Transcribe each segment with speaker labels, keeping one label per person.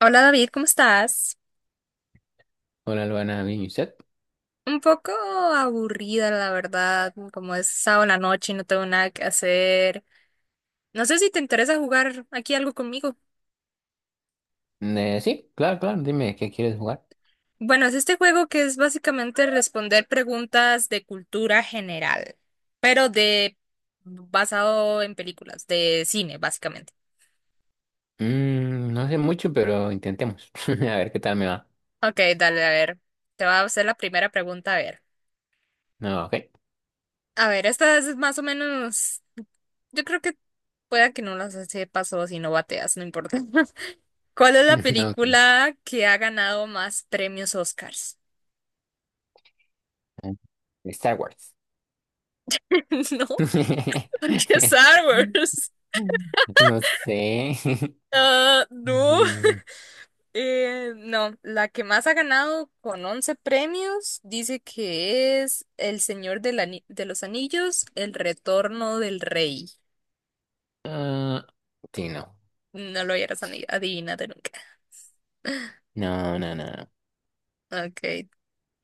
Speaker 1: Hola David, ¿cómo estás?
Speaker 2: Hola, Luana, ¿bien y usted?
Speaker 1: Un poco aburrida, la verdad, como es sábado en la noche y no tengo nada que hacer. No sé si te interesa jugar aquí algo conmigo.
Speaker 2: Sí, claro, claro, dime, ¿qué quieres jugar?
Speaker 1: Bueno, es este juego que es básicamente responder preguntas de cultura general, pero de basado en películas, de cine, básicamente.
Speaker 2: No sé mucho, pero intentemos. A ver qué tal me va.
Speaker 1: Ok, dale, a ver. Te voy a hacer la primera pregunta, a ver.
Speaker 2: No, ok.
Speaker 1: A ver, esta es más o menos. Yo creo que pueda que no las sepas o si no bateas, no importa. ¿Cuál es la película que ha ganado más premios Oscars?
Speaker 2: Ok. Star Wars.
Speaker 1: No, porque Star Wars.
Speaker 2: No sé.
Speaker 1: Ah, no,
Speaker 2: Mm,
Speaker 1: no, la que más ha ganado con 11 premios dice que es El Señor de los Anillos, El Retorno del Rey.
Speaker 2: Ah, sí, no.
Speaker 1: No lo hubieras adivinado nunca.
Speaker 2: No, no, no.
Speaker 1: Ok,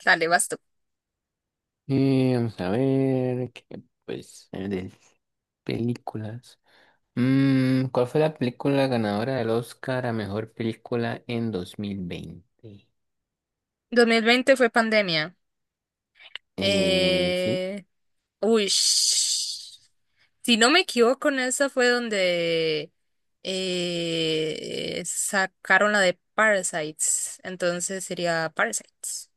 Speaker 1: dale, vas tú.
Speaker 2: Vamos a ver, de películas. ¿Cuál fue la película ganadora del Oscar a mejor película en 2020?
Speaker 1: 2020 fue pandemia.
Speaker 2: Sí,
Speaker 1: Eh, Uy, si no me equivoco, en esa fue donde sacaron la de Parasites. Entonces sería Parasites,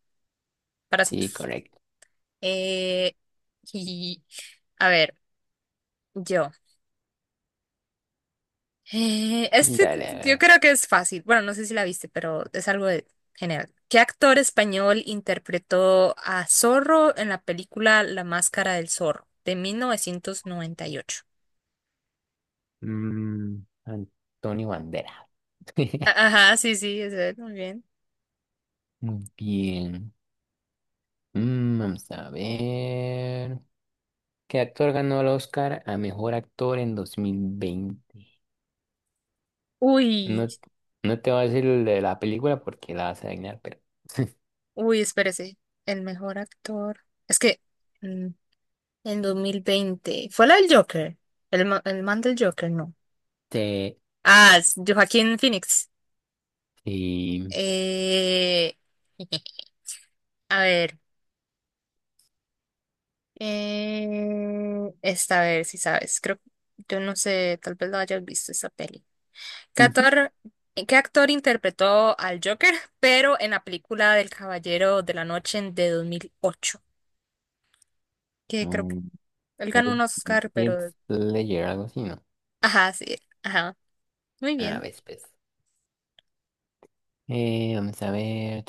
Speaker 2: sí,
Speaker 1: Parásitos.
Speaker 2: correcto.
Speaker 1: Eh, y a ver, yo.
Speaker 2: Dale, a
Speaker 1: Yo
Speaker 2: ver.
Speaker 1: creo que es fácil. Bueno, no sé si la viste, pero es algo de general. ¿Qué actor español interpretó a Zorro en la película La Máscara del Zorro de 1998?
Speaker 2: Mm, Antonio Bandera.
Speaker 1: Ajá, sí, sí, es él, muy bien.
Speaker 2: Muy bien. Mm, vamos a ver. ¿Qué actor ganó el Oscar a mejor actor en 2020?
Speaker 1: Uy,
Speaker 2: No, no te voy a decir el de la película porque la vas a adivinar, pero.
Speaker 1: uy, espérese. El mejor actor. Es que mm, en 2020, ¿fue la del Joker? El man del Joker, no.
Speaker 2: Este,
Speaker 1: Ah, es Joaquín Phoenix.
Speaker 2: sí.
Speaker 1: Eh, a ver. Esta, a ver si sabes. Creo, yo no sé, tal vez lo hayas visto esa peli. ¿Qué actor, qué actor interpretó al Joker? Pero en la película del Caballero de la Noche de 2008, que creo que
Speaker 2: Ujú.
Speaker 1: él ganó un
Speaker 2: Red
Speaker 1: Oscar,
Speaker 2: Dead
Speaker 1: pero.
Speaker 2: Slayer, ¿algo así, no?
Speaker 1: Ajá, sí, ajá. Muy
Speaker 2: A
Speaker 1: bien.
Speaker 2: ver, pues. Vamos a ver.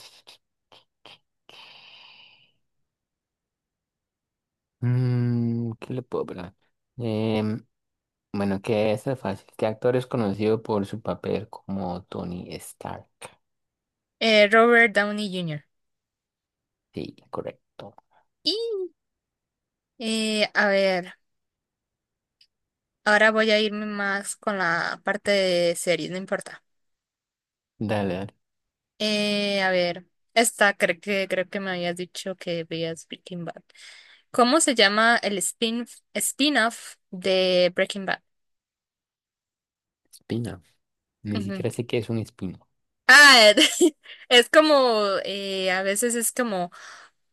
Speaker 2: ¿Qué le puedo hablar? Em, bueno, que es fácil. ¿Qué actor es conocido por su papel como Tony Stark?
Speaker 1: Robert Downey Jr.
Speaker 2: Sí, correcto.
Speaker 1: Y, a ver, ahora voy a irme más con la parte de series, no importa.
Speaker 2: Dale, dale.
Speaker 1: A ver, esta creo que me habías dicho que veías Breaking Bad. ¿Cómo se llama el spin-off de Breaking Bad?
Speaker 2: Espina. Ni
Speaker 1: Ujú.
Speaker 2: siquiera sé qué es un espino.
Speaker 1: Ah, es como, a veces es como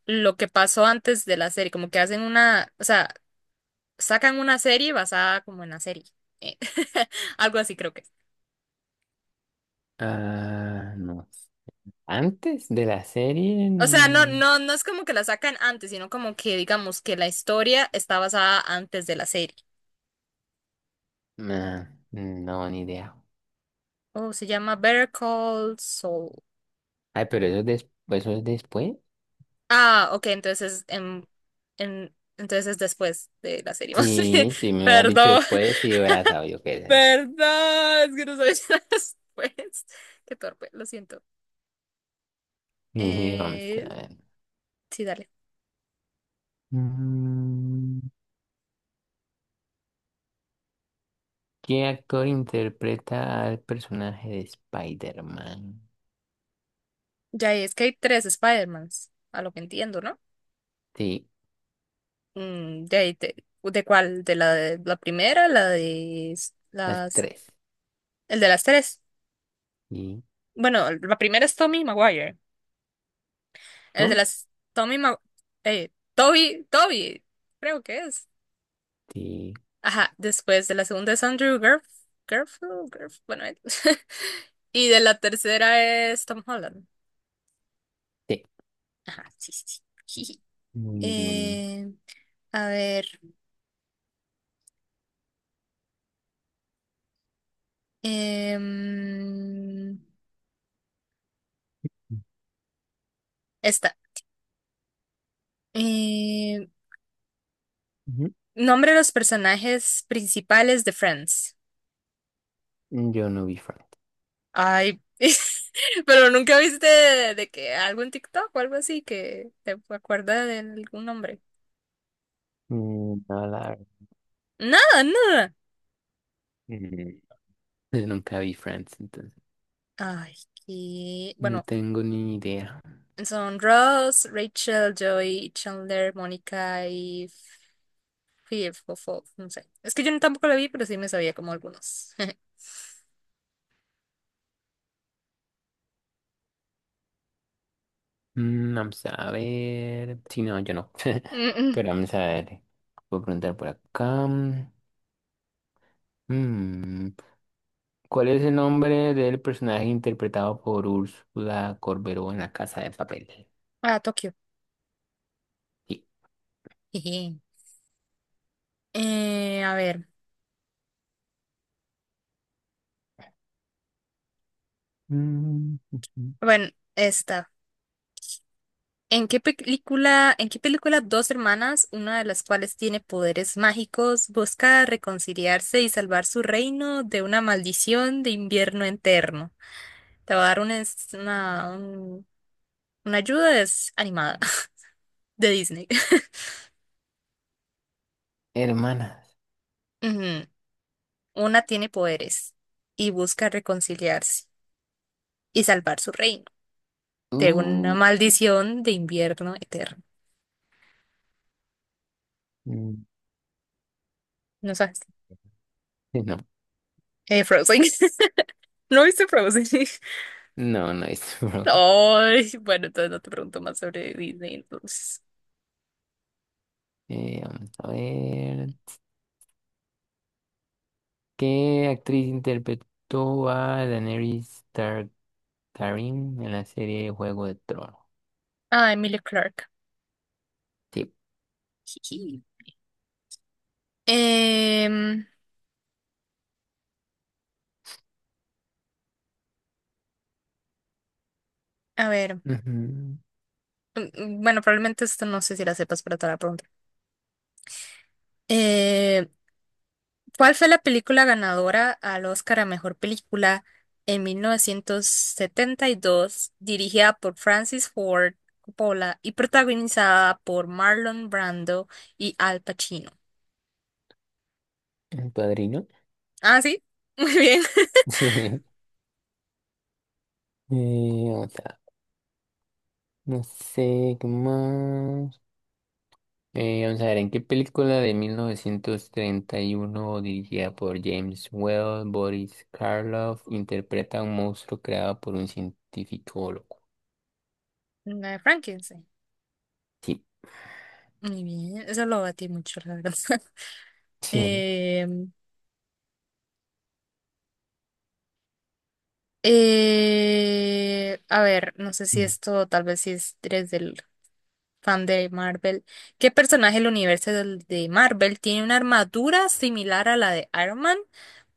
Speaker 1: lo que pasó antes de la serie, como que hacen una, o sea, sacan una serie basada como en la serie. eh, Algo así creo que es.
Speaker 2: Ah, no. Antes de la serie.
Speaker 1: O sea, no,
Speaker 2: Mm,
Speaker 1: no, no es como que la sacan antes, sino como que digamos que la historia está basada antes de la serie.
Speaker 2: ah, no, ni idea.
Speaker 1: Oh, se llama Better Call Saul.
Speaker 2: Ay, pero eso es, eso es después.
Speaker 1: Ah, ok, entonces es después de la serie. Más bien.
Speaker 2: Sí, si me hubieras dicho
Speaker 1: Perdón,
Speaker 2: después, sí hubiera sabido qué era.
Speaker 1: perdón, es que no soy después. Qué torpe, lo siento.
Speaker 2: Vamos a
Speaker 1: Eh,
Speaker 2: ver.
Speaker 1: sí, dale.
Speaker 2: Mm, ¿Qué actor interpreta al personaje de Spider-Man?
Speaker 1: Ya es que hay tres Spider-Mans, a lo que entiendo, ¿no?
Speaker 2: Sí,
Speaker 1: ¿De cuál? ¿De la primera? ¿La de s-
Speaker 2: las
Speaker 1: las?
Speaker 2: tres.
Speaker 1: El de las tres.
Speaker 2: ¿Y
Speaker 1: Bueno, la primera es Tommy Maguire. El de
Speaker 2: cómo?
Speaker 1: las... Tommy Ma... Toby, Toby, creo que es.
Speaker 2: Sí,
Speaker 1: Ajá, después de la segunda es Andrew Garfield, bueno, él. Y de la tercera es Tom Holland.
Speaker 2: sí.
Speaker 1: Ajá, sí, sí, sí. Jiji.
Speaker 2: Mm,
Speaker 1: Eh, a ver, em, esta. eh,
Speaker 2: ujú.
Speaker 1: Nombre los personajes principales de Friends.
Speaker 2: Yo no vi Friends.
Speaker 1: Ay, pero nunca viste de que algún TikTok o algo así que te acuerda de algún nombre.
Speaker 2: Mm, no, la verdad.
Speaker 1: Nada, nada.
Speaker 2: Mm, Nunca vi Friends, entonces
Speaker 1: Ay, y
Speaker 2: no
Speaker 1: bueno,
Speaker 2: tengo ni idea.
Speaker 1: son Ross, Rachel, Joey, Chandler, Mónica y Phoebe, no sé. Es que yo no- tampoco la vi, pero sí me sabía como algunos.
Speaker 2: Mm, vamos a ver. Sí, no, yo no.
Speaker 1: Mm, mm.
Speaker 2: Pero vamos a ver. Puedo preguntar por acá. Mm, ¿Cuál es el nombre del personaje interpretado por Úrsula Corberó en La Casa de Papel?
Speaker 1: Ah, Tokio.
Speaker 2: Sí.
Speaker 1: Jeje. A ver,
Speaker 2: Mm, ujú.
Speaker 1: bueno, esta. ¿En qué película, dos hermanas, una de las cuales tiene poderes mágicos, busca reconciliarse y salvar su reino de una maldición de invierno eterno? Te voy a dar una ayuda, es animada, de Disney.
Speaker 2: Hermanas.
Speaker 1: Ujú. Una tiene poderes y busca reconciliarse y salvar su reino de una
Speaker 2: Uh,
Speaker 1: maldición de invierno eterno.
Speaker 2: mm,
Speaker 1: No sabes.
Speaker 2: sí, no,
Speaker 1: Frozen. ¿No viste Frozen?
Speaker 2: no, no es. Bro.
Speaker 1: Ay, bueno, entonces no te pregunto más sobre Disney, entonces.
Speaker 2: Vamos a ver. ¿Qué actriz interpretó a Targaryen en la serie Juego de Tronos?
Speaker 1: Ah, Emilia Clarke.
Speaker 2: Sí.
Speaker 1: Jiji. Em, a ver,
Speaker 2: Ujú.
Speaker 1: bueno, probablemente esto no sé si la sepas, pero te la pregunto. Eh, ¿Cuál fue la película ganadora al Oscar a Mejor Película en 1972, dirigida por Francis Ford Coppola y protagonizada por Marlon Brando y Al Pacino?
Speaker 2: El padrino.
Speaker 1: Ah, sí, muy bien.
Speaker 2: Sí. Otra. No sé qué más. Vamos a ver, ¿en qué película de 1931, dirigida por James Whale, Boris Karloff, interpreta a un monstruo creado por un científico loco?
Speaker 1: La de Frankenstein.
Speaker 2: Sí.
Speaker 1: Muy bien, eso lo batí mucho, la verdad.
Speaker 2: Sí.
Speaker 1: Eh, a ver, no sé si
Speaker 2: Mm.
Speaker 1: esto tal vez si es, eres del fan de Marvel. ¿Qué personaje del universo de Marvel tiene una armadura similar a la de Iron Man,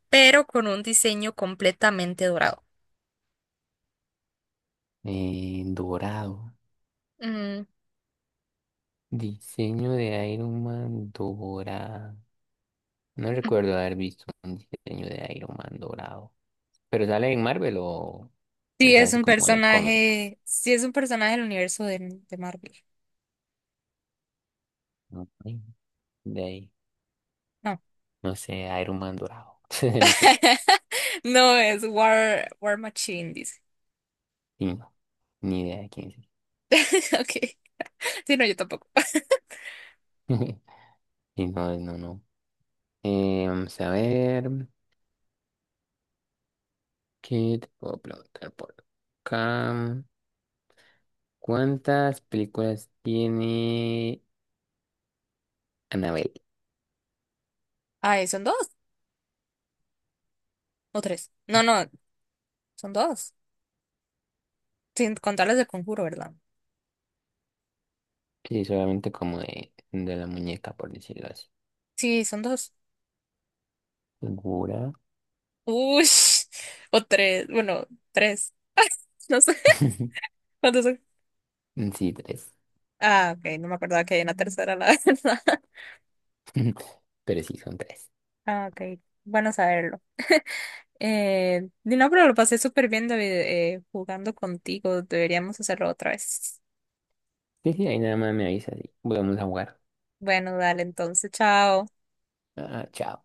Speaker 1: pero con un diseño completamente dorado?
Speaker 2: Dorado.
Speaker 1: Mm,
Speaker 2: Diseño de Iron Man dorado. No recuerdo haber visto un diseño de Iron Man dorado. ¿Pero sale en Marvel o
Speaker 1: sí,
Speaker 2: es
Speaker 1: es
Speaker 2: así
Speaker 1: un
Speaker 2: como de cómics?
Speaker 1: personaje, sí es un personaje del universo de Marvel.
Speaker 2: No, ay, de ahí,
Speaker 1: No.
Speaker 2: no sé, Iron Man dorado. No sé,
Speaker 1: No, es War Machine, dice.
Speaker 2: y no, ni idea de quién es.
Speaker 1: Ok. Sí, no, yo tampoco.
Speaker 2: Y no, no, no. Vamos a ver, ¿qué te puedo preguntar por acá? ¿Cuántas películas tiene Annabelle?
Speaker 1: Ah, son dos. O tres. No, no, son dos. Sin contar las del conjuro, ¿verdad?
Speaker 2: Sí, solamente como de la muñeca, por decirlo así.
Speaker 1: Sí, son dos.
Speaker 2: ¿Segura?
Speaker 1: Uy, o tres. Bueno, tres. No sé cuántos son.
Speaker 2: Sí, tres.
Speaker 1: Ah, ok, no me acordaba que hay una tercera, la verdad.
Speaker 2: Pero sí, son tres.
Speaker 1: Ah, ok, bueno saberlo. No, pero lo pasé súper bien, David, jugando contigo. Deberíamos hacerlo otra vez.
Speaker 2: Sí, sí, ahí nada más me avisas y volvemos a jugar.
Speaker 1: Bueno, dale, entonces, chao.
Speaker 2: Ah, chao.